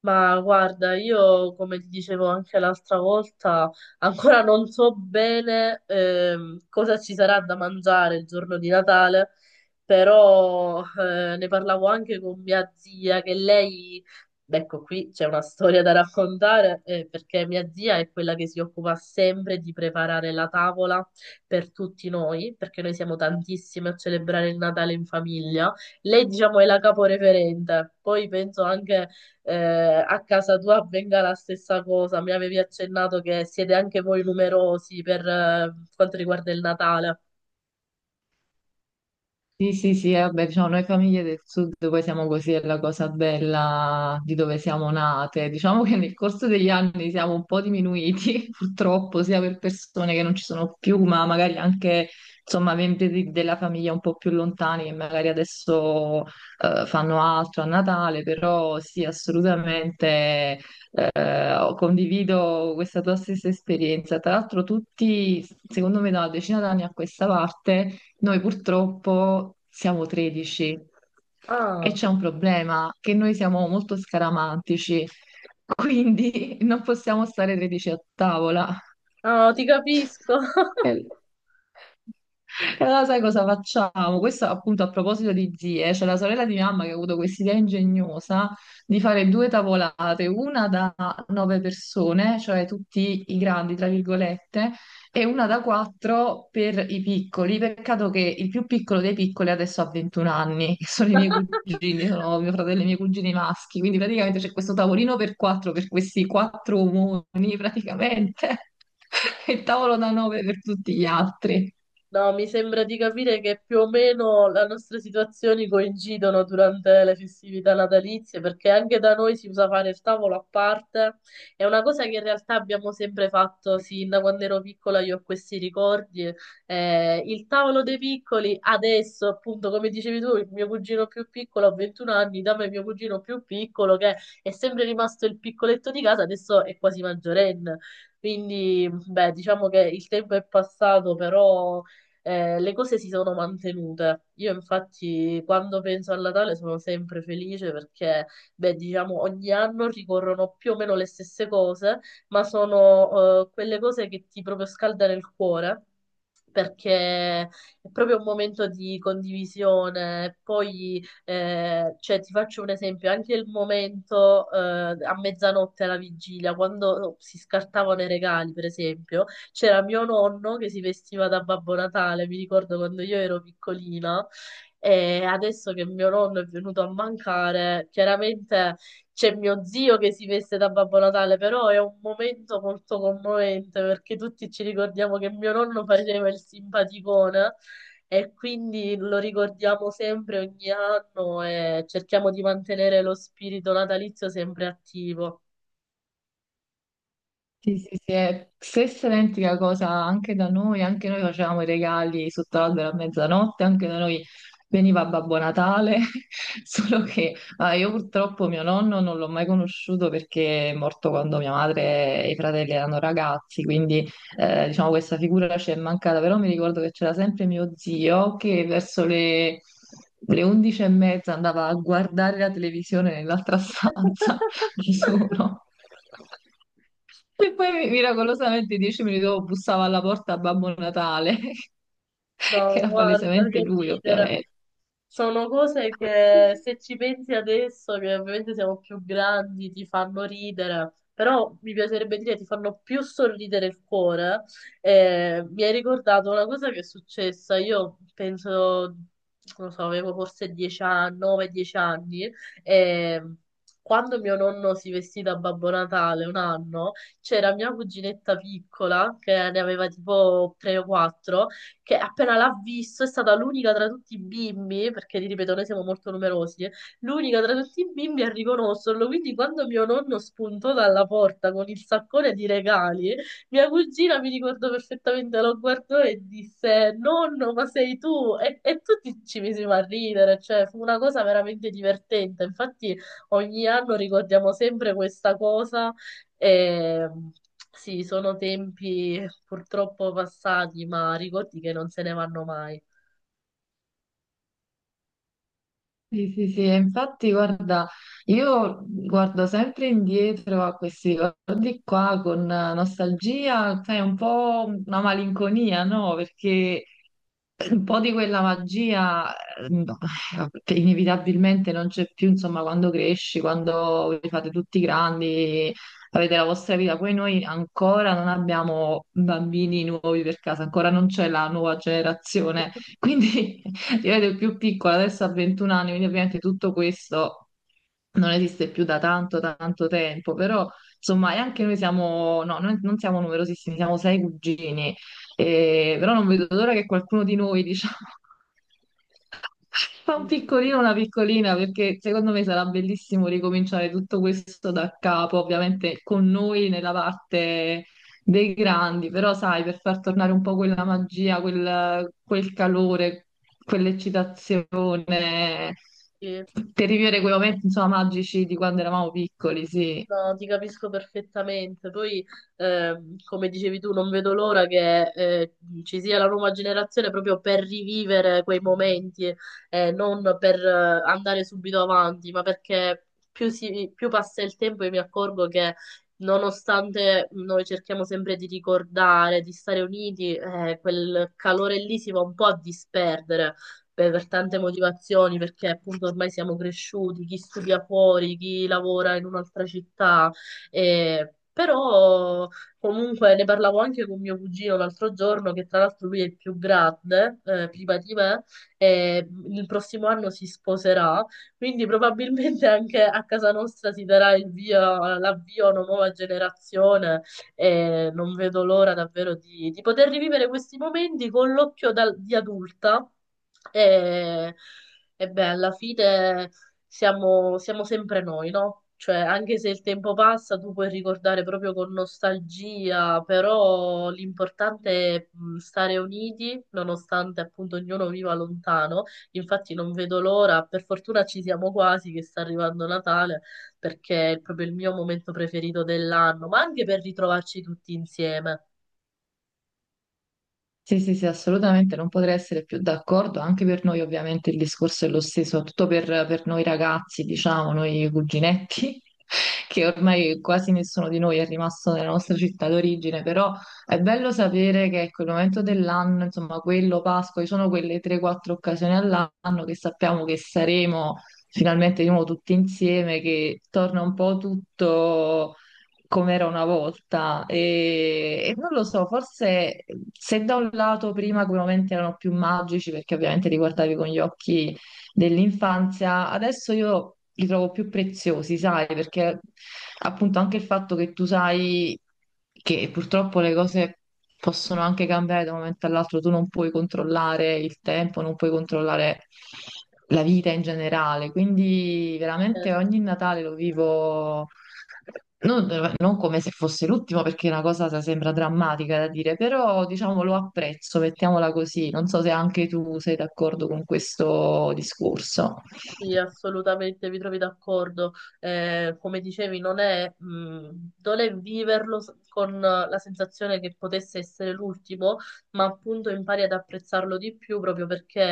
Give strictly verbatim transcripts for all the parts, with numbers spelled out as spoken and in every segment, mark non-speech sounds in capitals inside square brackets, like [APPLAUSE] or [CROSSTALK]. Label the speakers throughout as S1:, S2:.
S1: Ma guarda, io come ti dicevo anche l'altra volta, ancora non so bene, ehm, cosa ci sarà da mangiare il giorno di Natale, però eh, ne parlavo anche con mia zia, che lei, ecco qui c'è una storia da raccontare, eh, perché mia zia è quella che si occupa sempre di preparare la tavola per tutti noi, perché noi siamo tantissime a celebrare il Natale in famiglia. Lei, diciamo, è la caporeferente, poi penso anche eh, a casa tua avvenga la stessa cosa. Mi avevi accennato che siete anche voi numerosi per eh, quanto riguarda il Natale.
S2: Sì, sì, sì, eh, vabbè, diciamo, noi famiglie del sud poi siamo così, è la cosa bella di dove siamo nate. Diciamo che nel corso degli anni siamo un po' diminuiti, [LAUGHS] purtroppo, sia per persone che non ci sono più, ma magari anche, insomma, membri di- della famiglia un po' più lontani che magari adesso eh, fanno altro a Natale, però sì, assolutamente eh, condivido questa tua stessa esperienza. Tra l'altro tutti, secondo me, da una decina d'anni a questa parte noi purtroppo siamo tredici, e
S1: Ah,
S2: c'è un problema, che noi siamo molto scaramantici, [LAUGHS] quindi non possiamo stare tredici a tavola.
S1: ah, ti capisco.
S2: Eh,
S1: [LAUGHS]
S2: e allora sai cosa facciamo? Questo appunto a proposito di zie, c'è la sorella di mia mamma che ha avuto quest'idea ingegnosa di fare due tavolate, una da nove persone, cioè tutti i grandi, tra virgolette, e una da quattro per i piccoli. Peccato che il più piccolo dei piccoli adesso ha ventuno anni, che sono i miei cugini, sono mio fratello e i miei cugini maschi, quindi praticamente c'è questo tavolino per quattro, per questi quattro omoni praticamente, [LAUGHS] e il tavolo da nove per tutti gli altri.
S1: No, mi sembra di capire che più o meno le nostre situazioni coincidono durante le festività natalizie, perché anche da noi si usa fare il tavolo a parte. È una cosa che in realtà abbiamo sempre fatto sin da quando ero piccola, io ho questi ricordi. Eh, il tavolo dei piccoli, adesso, appunto, come dicevi tu, il mio cugino più piccolo ha ventuno anni, da me mio cugino più piccolo, che è sempre rimasto il piccoletto di casa, adesso è quasi maggiorenne. Quindi, beh, diciamo che il tempo è passato, però eh, le cose si sono mantenute. Io infatti quando penso al Natale sono sempre felice perché, beh, diciamo, ogni anno ricorrono più o meno le stesse cose, ma sono eh, quelle cose che ti proprio scaldano il cuore. Perché è proprio un momento di condivisione. Poi, eh, cioè, ti faccio un esempio: anche il momento, eh, a mezzanotte alla vigilia, quando si scartavano i regali, per esempio, c'era mio nonno che si vestiva da Babbo Natale, mi ricordo quando io ero piccolina, e adesso che mio nonno è venuto a mancare, chiaramente c'è mio zio che si veste da Babbo Natale, però è un momento molto commovente perché tutti ci ricordiamo che mio nonno faceva il simpaticone e quindi lo ricordiamo sempre ogni anno e cerchiamo di mantenere lo spirito natalizio sempre attivo.
S2: Sì, sì, sì, è stessa identica cosa anche da noi, anche noi facevamo i regali sotto l'albero a mezzanotte, anche da noi veniva Babbo Natale, [LAUGHS] solo che ah, io purtroppo mio nonno non l'ho mai conosciuto perché è morto quando mia madre e i fratelli erano ragazzi, quindi eh, diciamo questa figura ci è mancata, però mi ricordo che c'era sempre mio zio che verso le... Le undici e mezza andava a guardare la televisione nell'altra stanza [LAUGHS] da
S1: [LAUGHS]
S2: solo. E poi miracolosamente dieci minuti dopo bussava alla porta Babbo Natale, [LAUGHS] che
S1: No,
S2: era
S1: guarda
S2: palesemente
S1: che
S2: lui,
S1: ridere.
S2: ovviamente.
S1: Sono cose che se ci pensi adesso, che ovviamente siamo più grandi, ti fanno ridere, però mi piacerebbe dire ti fanno più sorridere il cuore. Eh, mi hai ricordato una cosa che è successa, io penso, non lo so, avevo forse dieci anni, nove dieci anni, e quando mio nonno si vestì da Babbo Natale un anno, c'era mia cuginetta piccola, che ne aveva tipo tre o quattro, che appena l'ha visto è stata l'unica tra tutti i bimbi, perché ti ripeto, noi siamo molto numerosi, eh, l'unica tra tutti i bimbi a riconoscerlo. Quindi quando mio nonno spuntò dalla porta con il saccone di regali, mia cugina, mi ricordo perfettamente, lo guardò e disse: Nonno, ma sei tu? E, e tutti ci misimo a ridere, cioè fu una cosa veramente divertente. Infatti, ogni anno ricordiamo sempre questa cosa. E sì, sono tempi purtroppo passati, ma ricordi che non se ne vanno mai.
S2: Sì, sì, sì, e infatti guarda, io guardo sempre indietro a questi ricordi qua con nostalgia, sai, un po' una malinconia, no? Perché un po' di quella magia eh, no, eh, inevitabilmente non c'è più, insomma, quando cresci, quando vi fate tutti grandi, avete la vostra vita. Poi noi ancora non abbiamo bambini nuovi per casa, ancora non c'è la nuova generazione. Quindi [LAUGHS] io ero il più piccola, adesso ha ventuno anni, quindi ovviamente tutto questo non esiste più da tanto, tanto tempo, però insomma, e anche noi siamo, no, noi non siamo numerosissimi, siamo sei cugini eh, però non vedo l'ora che qualcuno di noi, diciamo, [LAUGHS] fa un
S1: Mhm.
S2: piccolino, una piccolina, perché secondo me sarà bellissimo ricominciare tutto questo da capo, ovviamente con noi nella parte dei grandi, però sai, per far tornare un po' quella magia, quel, quel calore, quell'eccitazione, per rivivere quei momenti, insomma, magici di quando eravamo piccoli, sì.
S1: No, ti capisco perfettamente. Poi, ehm, come dicevi tu, non vedo l'ora che eh, ci sia la nuova generazione proprio per rivivere quei momenti, eh, non per eh, andare subito avanti, ma perché più, si- più passa il tempo io mi accorgo che nonostante noi cerchiamo sempre di ricordare, di stare uniti, eh, quel calore lì si va un po' a disperdere per tante motivazioni, perché appunto ormai siamo cresciuti, chi studia fuori, chi lavora in un'altra città, e- però comunque ne parlavo anche con mio cugino l'altro giorno, che tra l'altro lui è il più grande, eh, prima di me, e il prossimo anno si sposerà, quindi probabilmente anche a casa nostra si darà il via, l'avvio a una nuova generazione e non vedo l'ora davvero di, di poter rivivere questi momenti con l'occhio dal- di adulta. E, e beh, alla fine siamo, siamo sempre noi, no? Cioè, anche se il tempo passa, tu puoi ricordare proprio con nostalgia, però l'importante è, mh, stare uniti, nonostante appunto ognuno viva lontano. Infatti non vedo l'ora, per fortuna ci siamo quasi che sta arrivando Natale perché è proprio il mio momento preferito dell'anno, ma anche per ritrovarci tutti insieme.
S2: Sì, sì, sì, assolutamente, non potrei essere più d'accordo, anche per noi ovviamente il discorso è lo stesso, soprattutto per, per noi ragazzi, diciamo, noi cuginetti, [LAUGHS] che ormai quasi nessuno di noi è rimasto nella nostra città d'origine, però è bello sapere che ecco, il momento dell'anno, insomma, quello Pasqua, ci sono quelle tre quattro occasioni all'anno che sappiamo che saremo finalmente di nuovo tutti insieme, che torna un po' tutto come era una volta. E, e non lo so, forse se da un lato prima sicuramente erano più magici perché ovviamente li guardavi con gli occhi dell'infanzia, adesso io li trovo più preziosi, sai, perché appunto anche il fatto che tu sai che purtroppo le cose possono anche cambiare da un momento all'altro, tu non puoi controllare il tempo, non puoi controllare la vita in generale, quindi veramente
S1: Eh,
S2: ogni Natale lo vivo non, non come se fosse l'ultimo, perché è una cosa se- sembra drammatica da dire, però diciamo lo apprezzo, mettiamola così, non so se anche tu sei d'accordo con questo discorso.
S1: sì, assolutamente, vi trovi d'accordo. Eh, come dicevi, non è, mh, non è viverlo s- con eh, la sensazione che potesse essere l'ultimo, ma appunto impari ad apprezzarlo di più proprio perché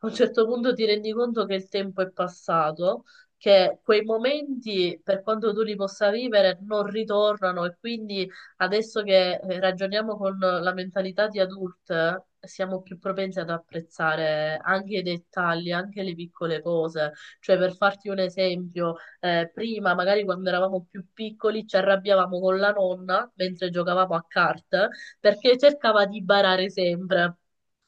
S1: a un certo punto ti rendi conto che il tempo è passato. Che quei momenti, per quanto tu li possa vivere, non ritornano e quindi adesso che eh, ragioniamo con la mentalità di adulte, siamo più propensi ad apprezzare anche i dettagli, anche le piccole cose. Cioè, per farti un esempio, eh, prima, magari quando eravamo più piccoli, ci arrabbiavamo con la nonna mentre giocavamo a carte perché cercava di barare sempre.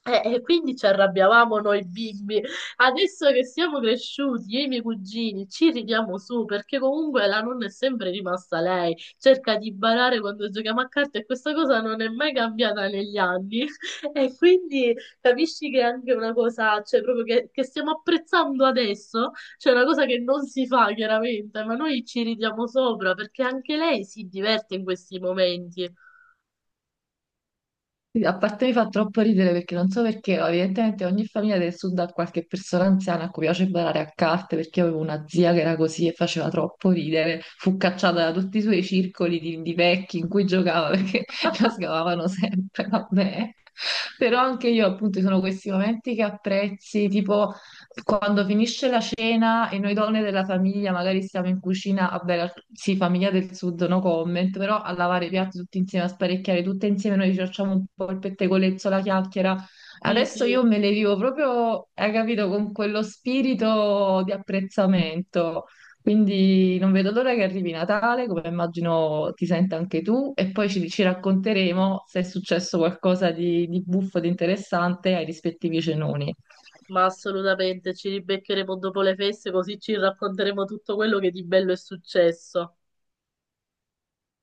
S1: Eh, E quindi ci arrabbiavamo noi bimbi. Adesso che siamo cresciuti, io e i miei cugini ci ridiamo su perché comunque la nonna è sempre rimasta lei. Cerca di barare quando giochiamo a carte e questa cosa non è mai cambiata negli anni. [LAUGHS] E quindi capisci che è anche una cosa, cioè proprio che, che stiamo apprezzando adesso, cioè una cosa che non si fa chiaramente, ma noi ci ridiamo sopra perché anche lei si diverte in questi momenti.
S2: Sì, a parte mi fa troppo ridere perché non so perché, ma evidentemente ogni famiglia del sud ha qualche persona anziana a cui piace barare a carte, perché io avevo una zia che era così e faceva troppo ridere, fu cacciata da tutti i suoi circoli di, di vecchi in cui giocava perché [LAUGHS] la
S1: [LAUGHS]
S2: scavavano sempre, vabbè. Però anche io appunto ci sono questi momenti che apprezzi, tipo quando finisce la cena e noi donne della famiglia magari siamo in cucina, vabbè, la- sì, famiglia del sud, no comment, però a lavare i piatti tutti insieme, a sparecchiare tutte insieme, noi ci facciamo un po' il pettegolezzo, la chiacchiera.
S1: Sì,
S2: Adesso
S1: sì.
S2: io me le vivo proprio, hai capito, con quello spirito di apprezzamento. Quindi non vedo l'ora che arrivi Natale, come immagino ti senta anche tu, e poi ci, ci racconteremo se è successo qualcosa di, di buffo, di interessante ai rispettivi cenoni.
S1: Ma assolutamente, ci ribeccheremo dopo le feste così ci racconteremo tutto quello che di bello è successo.